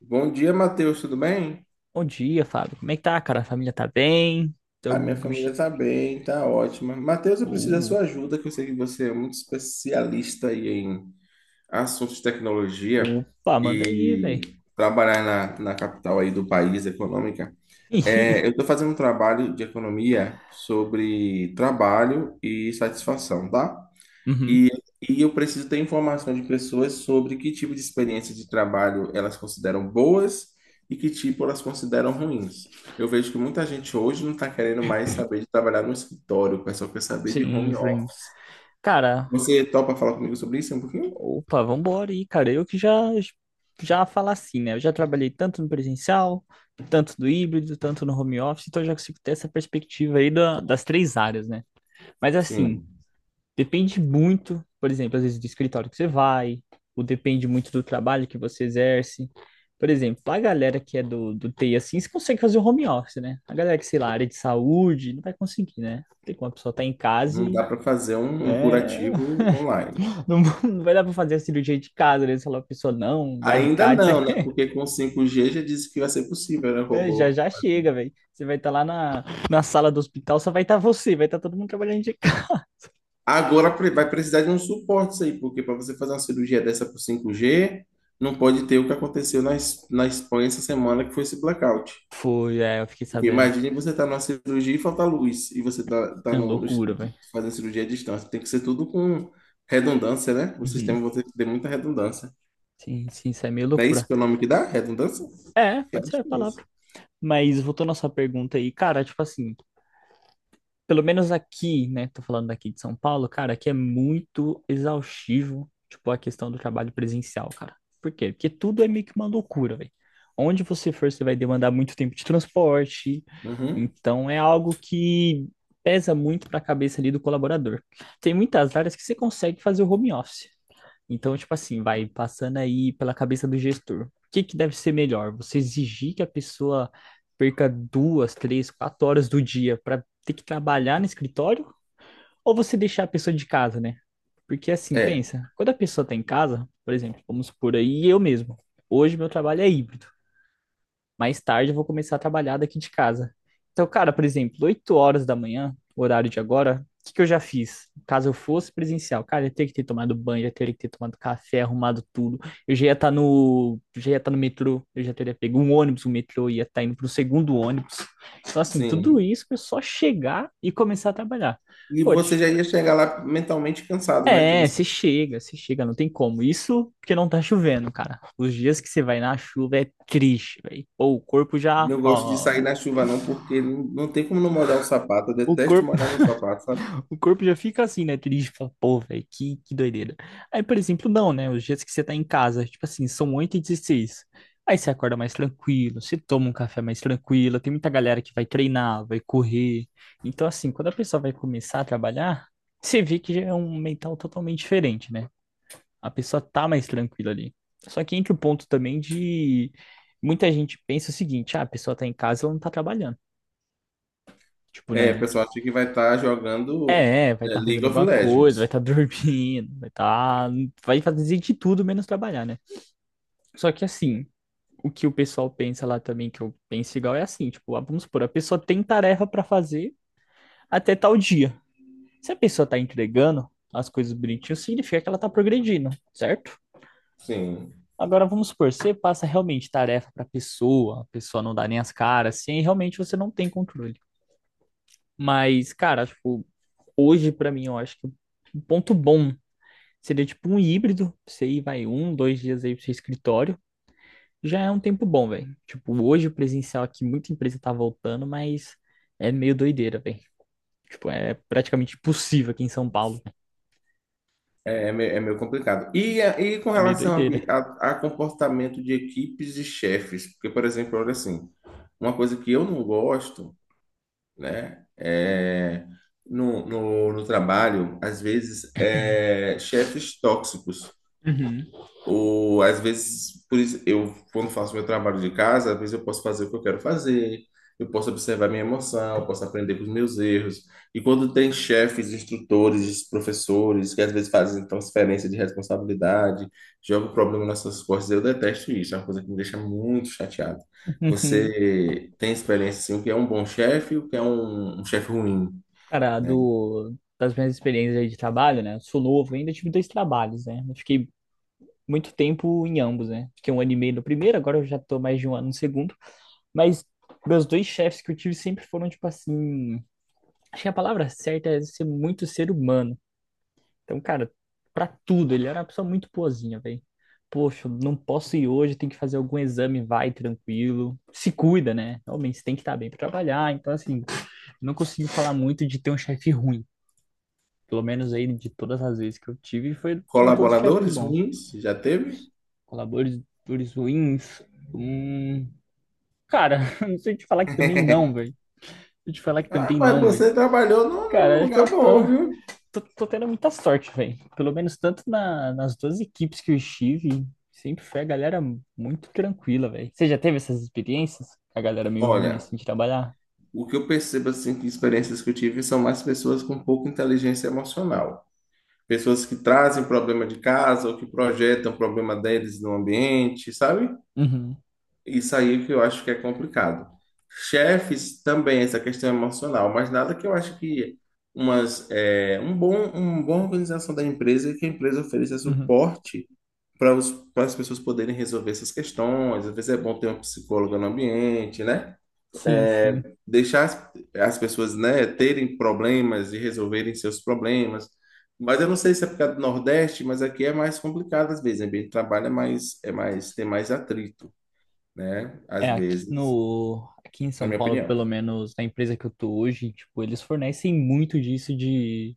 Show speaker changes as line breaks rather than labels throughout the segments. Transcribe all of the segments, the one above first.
Bom dia, Matheus, tudo bem?
Bom dia, Fábio. Como é que tá, cara? A família tá bem? Tô.
A minha família tá bem, tá ótima. Matheus, eu preciso da
Uh,
sua ajuda, que eu sei que você é muito especialista aí em assuntos de tecnologia
opa, manda aí, velho.
e trabalhar na capital aí do país, econômica. Eu estou fazendo um trabalho de economia sobre trabalho e satisfação, tá?
Uhum.
E, e eu preciso ter informação de pessoas sobre que tipo de experiência de trabalho elas consideram boas e que tipo elas consideram ruins. Eu vejo que muita gente hoje não está querendo mais saber de trabalhar no escritório, o pessoal quer saber de
Sim,
home
sim.
office.
Cara,
Você topa falar comigo sobre isso um pouquinho?
opa, vambora aí, cara. Eu que já falar assim, né? Eu já trabalhei tanto no presencial, tanto no híbrido, tanto no home office, então eu já consigo ter essa perspectiva aí das três áreas, né? Mas assim,
Sim,
depende muito, por exemplo, às vezes do escritório que você vai, ou depende muito do trabalho que você exerce. Por exemplo, a galera que é do TI assim, você consegue fazer o home office, né? A galera que, sei lá, área de saúde, não vai conseguir, né? Não tem como a pessoa tá em casa
não
e.
dá para fazer um
É,
curativo online.
não, não vai dar pra fazer a cirurgia de casa, né? Se ela pessoa, não, o
Ainda
alicate,
não,
você-
né? Porque com 5G já disse que vai ser possível, né,
é, já
robô?
já chega, velho. Você vai estar lá na sala do hospital, só vai estar você, vai estar todo mundo trabalhando de casa.
Agora vai precisar de um suporte isso aí, porque para você fazer uma cirurgia dessa por 5G, não pode ter o que aconteceu na Espanha essa semana, que foi esse blackout.
Foi, é, eu fiquei
Porque
sabendo.
imagine você estar tá numa cirurgia e falta luz, e você está tá
É uma
no,
loucura, velho.
fazendo cirurgia à distância. Tem que ser tudo com redundância, né? O
Uhum.
sistema vai ter que ter muita redundância.
Sim, sim, isso é meio
Não é isso
loucura.
que é o nome que dá? Redundância?
É,
Eu
pode ser
acho
a
que é isso.
palavra. Mas voltando à sua pergunta aí, cara, tipo assim, pelo menos aqui, né? Tô falando daqui de São Paulo, cara, aqui é muito exaustivo, tipo, a questão do trabalho presencial, cara. Por quê? Porque tudo é meio que uma loucura, velho. Onde você for, você vai demandar muito tempo de transporte.
Uhum.
Então, é algo que pesa muito pra cabeça ali do colaborador. Tem muitas áreas que você consegue fazer o home office. Então, tipo assim, vai passando aí pela cabeça do gestor. O que que deve ser melhor? Você exigir que a pessoa perca 2, 3, 4 horas do dia para ter que trabalhar no escritório? Ou você deixar a pessoa de casa, né? Porque assim,
É,
pensa, quando a pessoa tá em casa, por exemplo, vamos supor aí eu mesmo. Hoje meu trabalho é híbrido, mais tarde eu vou começar a trabalhar daqui de casa. Então, cara, por exemplo, 8 horas da manhã, o horário de agora, o que que eu já fiz? Caso eu fosse presencial, cara, eu ia ter que ter tomado banho, eu ia ter que ter tomado café, arrumado tudo. Eu já ia estar no, já ia estar no metrô, eu já teria pego um ônibus, um metrô, ia estar indo pro segundo ônibus. Então, assim, tudo
sim.
isso é só chegar e começar a trabalhar.
E
Pô,
você já ia chegar lá mentalmente cansado, né?
é, você chega, não tem como. Isso porque não tá chovendo, cara. Os dias que você vai na chuva é triste, velho. Pô, o corpo já,
Não gosto de
ó,
sair na chuva, não, porque não tem como não molhar o sapato. Eu
O
detesto
corpo,
molhar meu sapato, sabe?
o corpo já fica assim, né? Triste, fala, pô, velho, que doideira. Aí, por exemplo, não, né? Os dias que você tá em casa, tipo assim, são 8h16. Aí você acorda mais tranquilo, você toma um café mais tranquilo. Tem muita galera que vai treinar, vai correr. Então, assim, quando a pessoa vai começar a trabalhar, você vê que já é um mental totalmente diferente, né? A pessoa tá mais tranquila ali. Só que entra o ponto também de muita gente pensa o seguinte: ah, a pessoa tá em casa, ela não tá trabalhando. Tipo,
O
né?
pessoal acha que vai estar jogando
É, vai estar fazendo
League of
alguma coisa, vai
Legends.
estar dormindo, vai estar. Vai fazer de tudo menos trabalhar, né? Só que assim, o que o pessoal pensa lá também, que eu penso igual, é assim, tipo, ah, vamos supor, a pessoa tem tarefa pra fazer até tal dia. Se a pessoa tá entregando as coisas bonitinho, significa que ela tá progredindo, certo?
Sim,
Agora vamos supor, você passa realmente tarefa pra pessoa, a pessoa não dá nem as caras, assim, e realmente você não tem controle. Mas, cara, tipo, hoje pra mim eu acho que um ponto bom seria tipo um híbrido, você ir, vai um, dois dias aí pro seu escritório. Já é um tempo bom, velho. Tipo, hoje o presencial aqui, muita empresa tá voltando, mas é meio doideira, velho. Tipo, é praticamente impossível aqui em São Paulo.
é meio complicado. E com
É meio
relação a,
doideira.
bi- a- a comportamento de equipes e chefes, porque, por exemplo, olha assim, uma coisa que eu não gosto, né, é, no trabalho, às vezes, é chefes tóxicos.
Uhum.
Ou às vezes, por isso, eu, quando faço meu trabalho de casa, às vezes eu posso fazer o que eu quero fazer, eu posso observar minha emoção, eu posso aprender com os meus erros. E quando tem chefes, instrutores, professores, que às vezes fazem transferência de responsabilidade, jogam o problema nas suas costas, eu detesto isso, é uma coisa que me deixa muito chateado. Você tem experiência, assim, o que é um bom chefe e o que é um chefe ruim,
Cara,
né?
do, das minhas experiências aí de trabalho, né? Eu sou novo, ainda tive dois trabalhos, né? Eu fiquei muito tempo em ambos, né? Fiquei um ano e meio no primeiro, agora eu já tô mais de um ano no segundo. Mas meus dois chefes que eu tive sempre foram, tipo assim. Acho que a palavra certa é ser muito ser humano. Então, cara, pra tudo, ele era uma pessoa muito boazinha, velho. Poxa, não posso ir hoje, tem que fazer algum exame, vai tranquilo. Se cuida, né? Realmente, você tem que estar bem pra trabalhar. Então, assim, não consigo falar muito de ter um chefe ruim. Pelo menos aí, de todas as vezes que eu tive, foram todos chefes
Colaboradores
bons.
ruins, já teve?
Colaboradores ruins. Hum. Cara, não sei te falar que também não, velho. Deixa eu te falar que
Ah,
também
mas
não, velho.
você trabalhou num num
Cara, acho que eu
lugar
tô.
bom, viu?
Tô tendo muita sorte, velho. Pelo menos tanto nas duas equipes que eu estive, sempre foi a galera muito tranquila, velho. Você já teve essas experiências? A galera meio ruim
Olha,
assim de trabalhar?
o que eu percebo assim que experiências que eu tive são mais pessoas com pouca inteligência emocional. Pessoas que trazem problema de casa ou que projetam o problema deles no ambiente, sabe?
Uhum,
Isso aí que eu acho que é complicado. Chefes também, essa questão emocional, mas nada que eu acho que um uma boa organização da empresa é que a empresa ofereça
uhum.
suporte para para as pessoas poderem resolver essas questões. Às vezes é bom ter um psicólogo no ambiente, né?
Sim,
é,
sim.
deixar as pessoas, né, terem problemas e resolverem seus problemas. Mas eu não sei se é por causa do Nordeste, mas aqui é mais complicado às vezes. O ambiente de trabalho é mais, tem mais atrito, né? Às
É, aqui
vezes,
no, aqui em
na
São
minha
Paulo, pelo
opinião.
menos na empresa que eu tô hoje, tipo, eles fornecem muito disso de,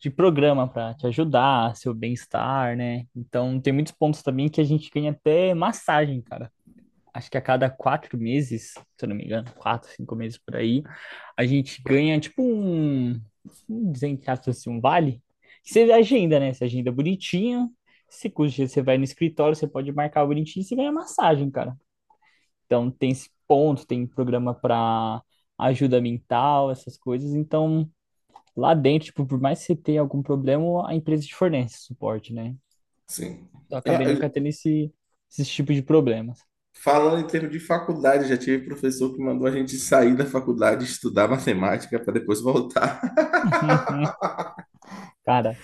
de programa pra te ajudar, seu bem-estar, né? Então tem muitos pontos também que a gente ganha até massagem, cara. Acho que a cada 4 meses, se eu não me engano, 4, 5 meses por aí, a gente ganha tipo um dizer assim, um vale. Que você agenda, né? Você agenda bonitinho. Se cujo dia você vai no escritório, você pode marcar bonitinho e você ganha massagem, cara. Então tem esse ponto, tem programa para ajuda mental, essas coisas. Então, lá dentro, tipo, por mais que você tenha algum problema, a empresa te fornece suporte, né?
Sim.
Então eu
Eu-
acabei nunca
eu-
tendo esse tipo de problemas.
Falando em termos de faculdade, já tive professor que mandou a gente sair da faculdade, estudar matemática para depois voltar.
Cara,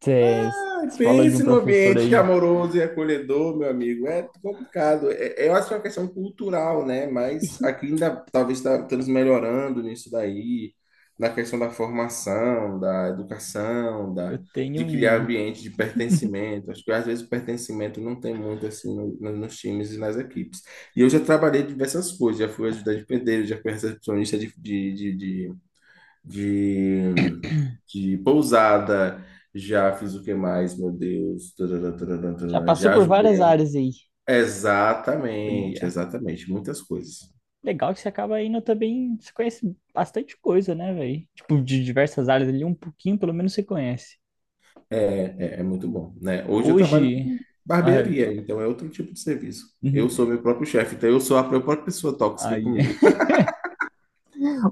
você
Ai,
falou de um
pense no
professor
ambiente
aí.
amoroso e acolhedor, meu amigo. É complicado. Eu acho que é uma questão cultural, né? Mas aqui ainda talvez estamos melhorando nisso daí, na questão da formação, da educação,
Eu
da,
tenho
de criar
um.
ambiente de pertencimento. Acho que às vezes o pertencimento não tem muito assim nos times e nas equipes. E eu já trabalhei diversas coisas, já fui ajudante de pedreiro, já fui recepcionista de, de pousada, já fiz o que mais, meu Deus, tarará, tarará,
Já
tarará,
passou
já
por várias
ajudei.
áreas aí.
Exatamente,
Olha.
exatamente, muitas coisas.
Legal que você acaba indo também. Você conhece bastante coisa, né, velho? Tipo, de diversas áreas ali, um pouquinho pelo menos você conhece.
É muito bom, né? Hoje eu trabalho
Hoje.
com
Ai,
barbearia, então é outro tipo de serviço. Eu sou meu próprio chefe, então eu sou a minha própria pessoa tóxica
ai,
comigo.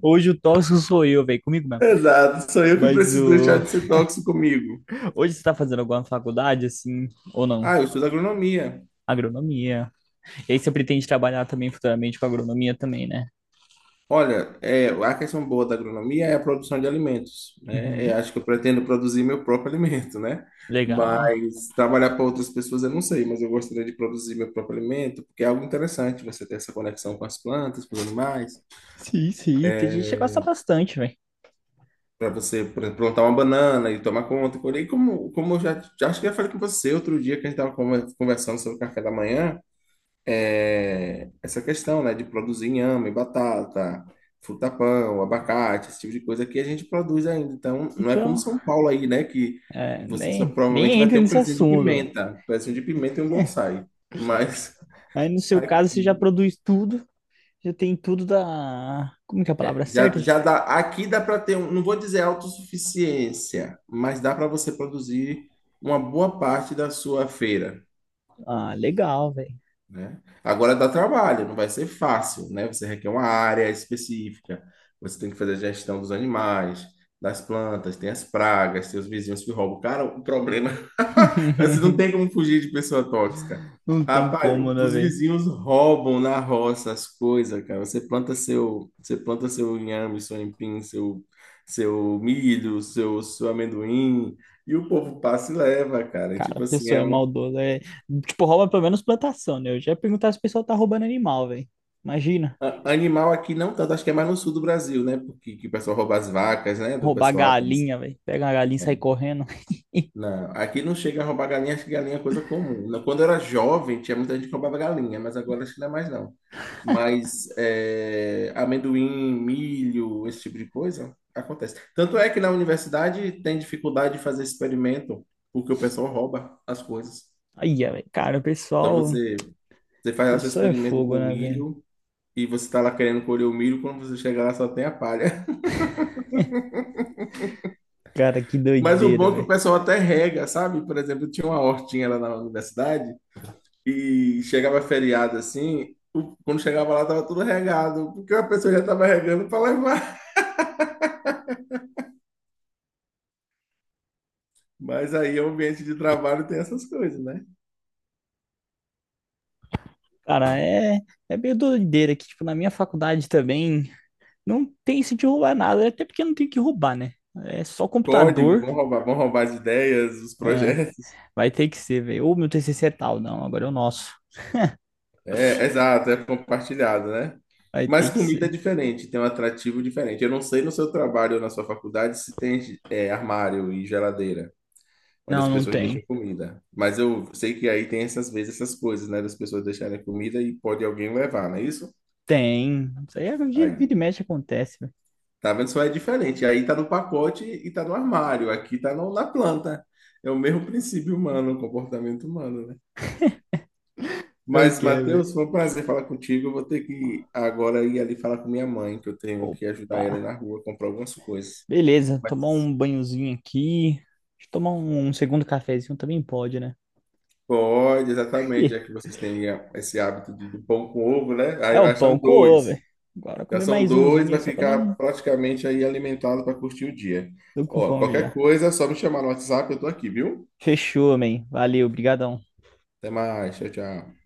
hoje o tóxico sou eu, velho, comigo mesmo.
Exato, sou eu que
Mas
preciso deixar
o...
de ser tóxico comigo.
hoje você tá fazendo alguma faculdade, assim, ou não?
Ah, eu estudo agronomia.
Agronomia. E aí você pretende trabalhar também futuramente com agronomia também, né?
Olha, a questão boa da agronomia é a produção de alimentos, né?
Uhum.
Eu acho que eu pretendo produzir meu próprio alimento, né?
Legal.
Mas trabalhar para outras pessoas eu não sei, mas eu gostaria de produzir meu próprio alimento, porque é algo interessante você ter essa conexão com as plantas, com os animais,
Sim, sim, tem gente que gosta bastante, velho.
para você, por exemplo, plantar uma banana e tomar conta, e colher. E como eu já acho que já falei com você outro dia que a gente estava conversando sobre o café da manhã, essa questão, né, de produzir inhame, batata, fruta-pão, abacate, esse tipo de coisa que a gente produz ainda. Então, não é como
Então,
São Paulo aí, né, que
é,
você só
nem,
provavelmente
nem
vai
entra
ter um
nesse
pezinho de
assunto, velho.
pimenta, um pezinho de pimenta e um bonsai. Mas
Aí no seu caso, você já
aqui
produz tudo, já tem tudo da. Como que é a palavra certa? Gente?
já dá, aqui dá para ter, um, não vou dizer autossuficiência, mas dá para você produzir uma boa parte da sua feira.
Ah, legal, velho.
Né? Agora dá trabalho, não vai ser fácil, né? Você requer uma área específica, você tem que fazer a gestão dos animais, das plantas, tem as pragas, tem os vizinhos que roubam. Cara, o problema, é você não tem como fugir de pessoa tóxica.
Não tem
Rapaz,
como, né,
os
velho?
vizinhos roubam na roça as coisas, cara. Você planta seu inhame, seu empim, seu milho, seu amendoim, e o povo passa e leva, cara.
Cara, a
Tipo assim,
pessoa
é
é
uma
maldosa. É. Tipo, rouba pelo menos plantação, né? Eu já ia perguntar se o pessoal tá roubando animal, velho. Imagina,
Animal aqui não tanto, acho que é mais no sul do Brasil, né? Porque que o pessoal rouba as vacas, né? Do
roubar
pessoal. Tá, assim,
galinha, velho. Pega uma galinha e sai
né?
correndo.
Não, aqui não chega a roubar galinha, acho que galinha é coisa comum. Não, quando eu era jovem, tinha muita gente que roubava galinha, mas agora acho que não é mais não. Mas é, amendoim, milho, esse tipo de coisa, acontece. Tanto é que na universidade tem dificuldade de fazer experimento, porque o pessoal rouba as coisas.
Aí, velho. Cara, o
Então
pessoal. O
você faz o seu
pessoal é
experimento
fogo,
com
né, velho?
milho e você está lá querendo colher o milho, quando você chega lá só tem a palha.
Cara, que
Mas o
doideira,
bom é que o
velho.
pessoal até rega, sabe? Por exemplo, tinha uma hortinha lá na universidade e chegava feriado assim, quando chegava lá tava tudo regado, porque a pessoa já tava regando para levar. Mas aí o ambiente de trabalho tem essas coisas, né?
Cara, é, é meio doideira que, tipo, na minha faculdade também não tem isso de roubar nada, até porque não tem que roubar, né? É só
Código,
computador,
vão roubar as ideias, os projetos.
vai ter que ser, velho. Ou meu TCC é tal, não, agora é o nosso.
É, exato, é compartilhado, né?
Vai
Mas
ter que
comida é
ser.
diferente, tem um atrativo diferente. Eu não sei no seu trabalho ou na sua faculdade se tem armário e geladeira, onde as
Não, não
pessoas deixam
tem.
comida. Mas eu sei que aí tem essas vezes, essas coisas, né? Das pessoas deixarem comida e pode alguém levar, não é isso?
Tem. Isso aí é vira
Aí,
vira e mexe acontece, velho.
tá vendo? Só é diferente. Aí tá no pacote e tá no armário. Aqui tá na planta. É o mesmo princípio humano, o comportamento humano, né?
Pior
Mas,
que é, velho.
Matheus, foi um prazer falar contigo. Eu vou ter que agora ir ali falar com minha mãe, que eu tenho que
Opa.
ajudar ela na rua, comprar algumas coisas.
Beleza, tomar
Mas
um banhozinho aqui. Deixa eu tomar um segundo cafezinho também pode, né?
pode, exatamente, já que vocês têm esse hábito de, do pão com ovo, né?
É
Aí
o
vai,
pão
são
com ovo,
dois.
velho. Agora
Já
comer
são
mais
dois,
umzinho aí
vai
só pra dar um.
ficar praticamente aí alimentado para curtir o dia.
Tô com
Ó,
fome
qualquer
já.
coisa, é só me chamar no WhatsApp, eu tô aqui, viu?
Fechou, man. Valeu, brigadão.
Até mais, tchau, tchau.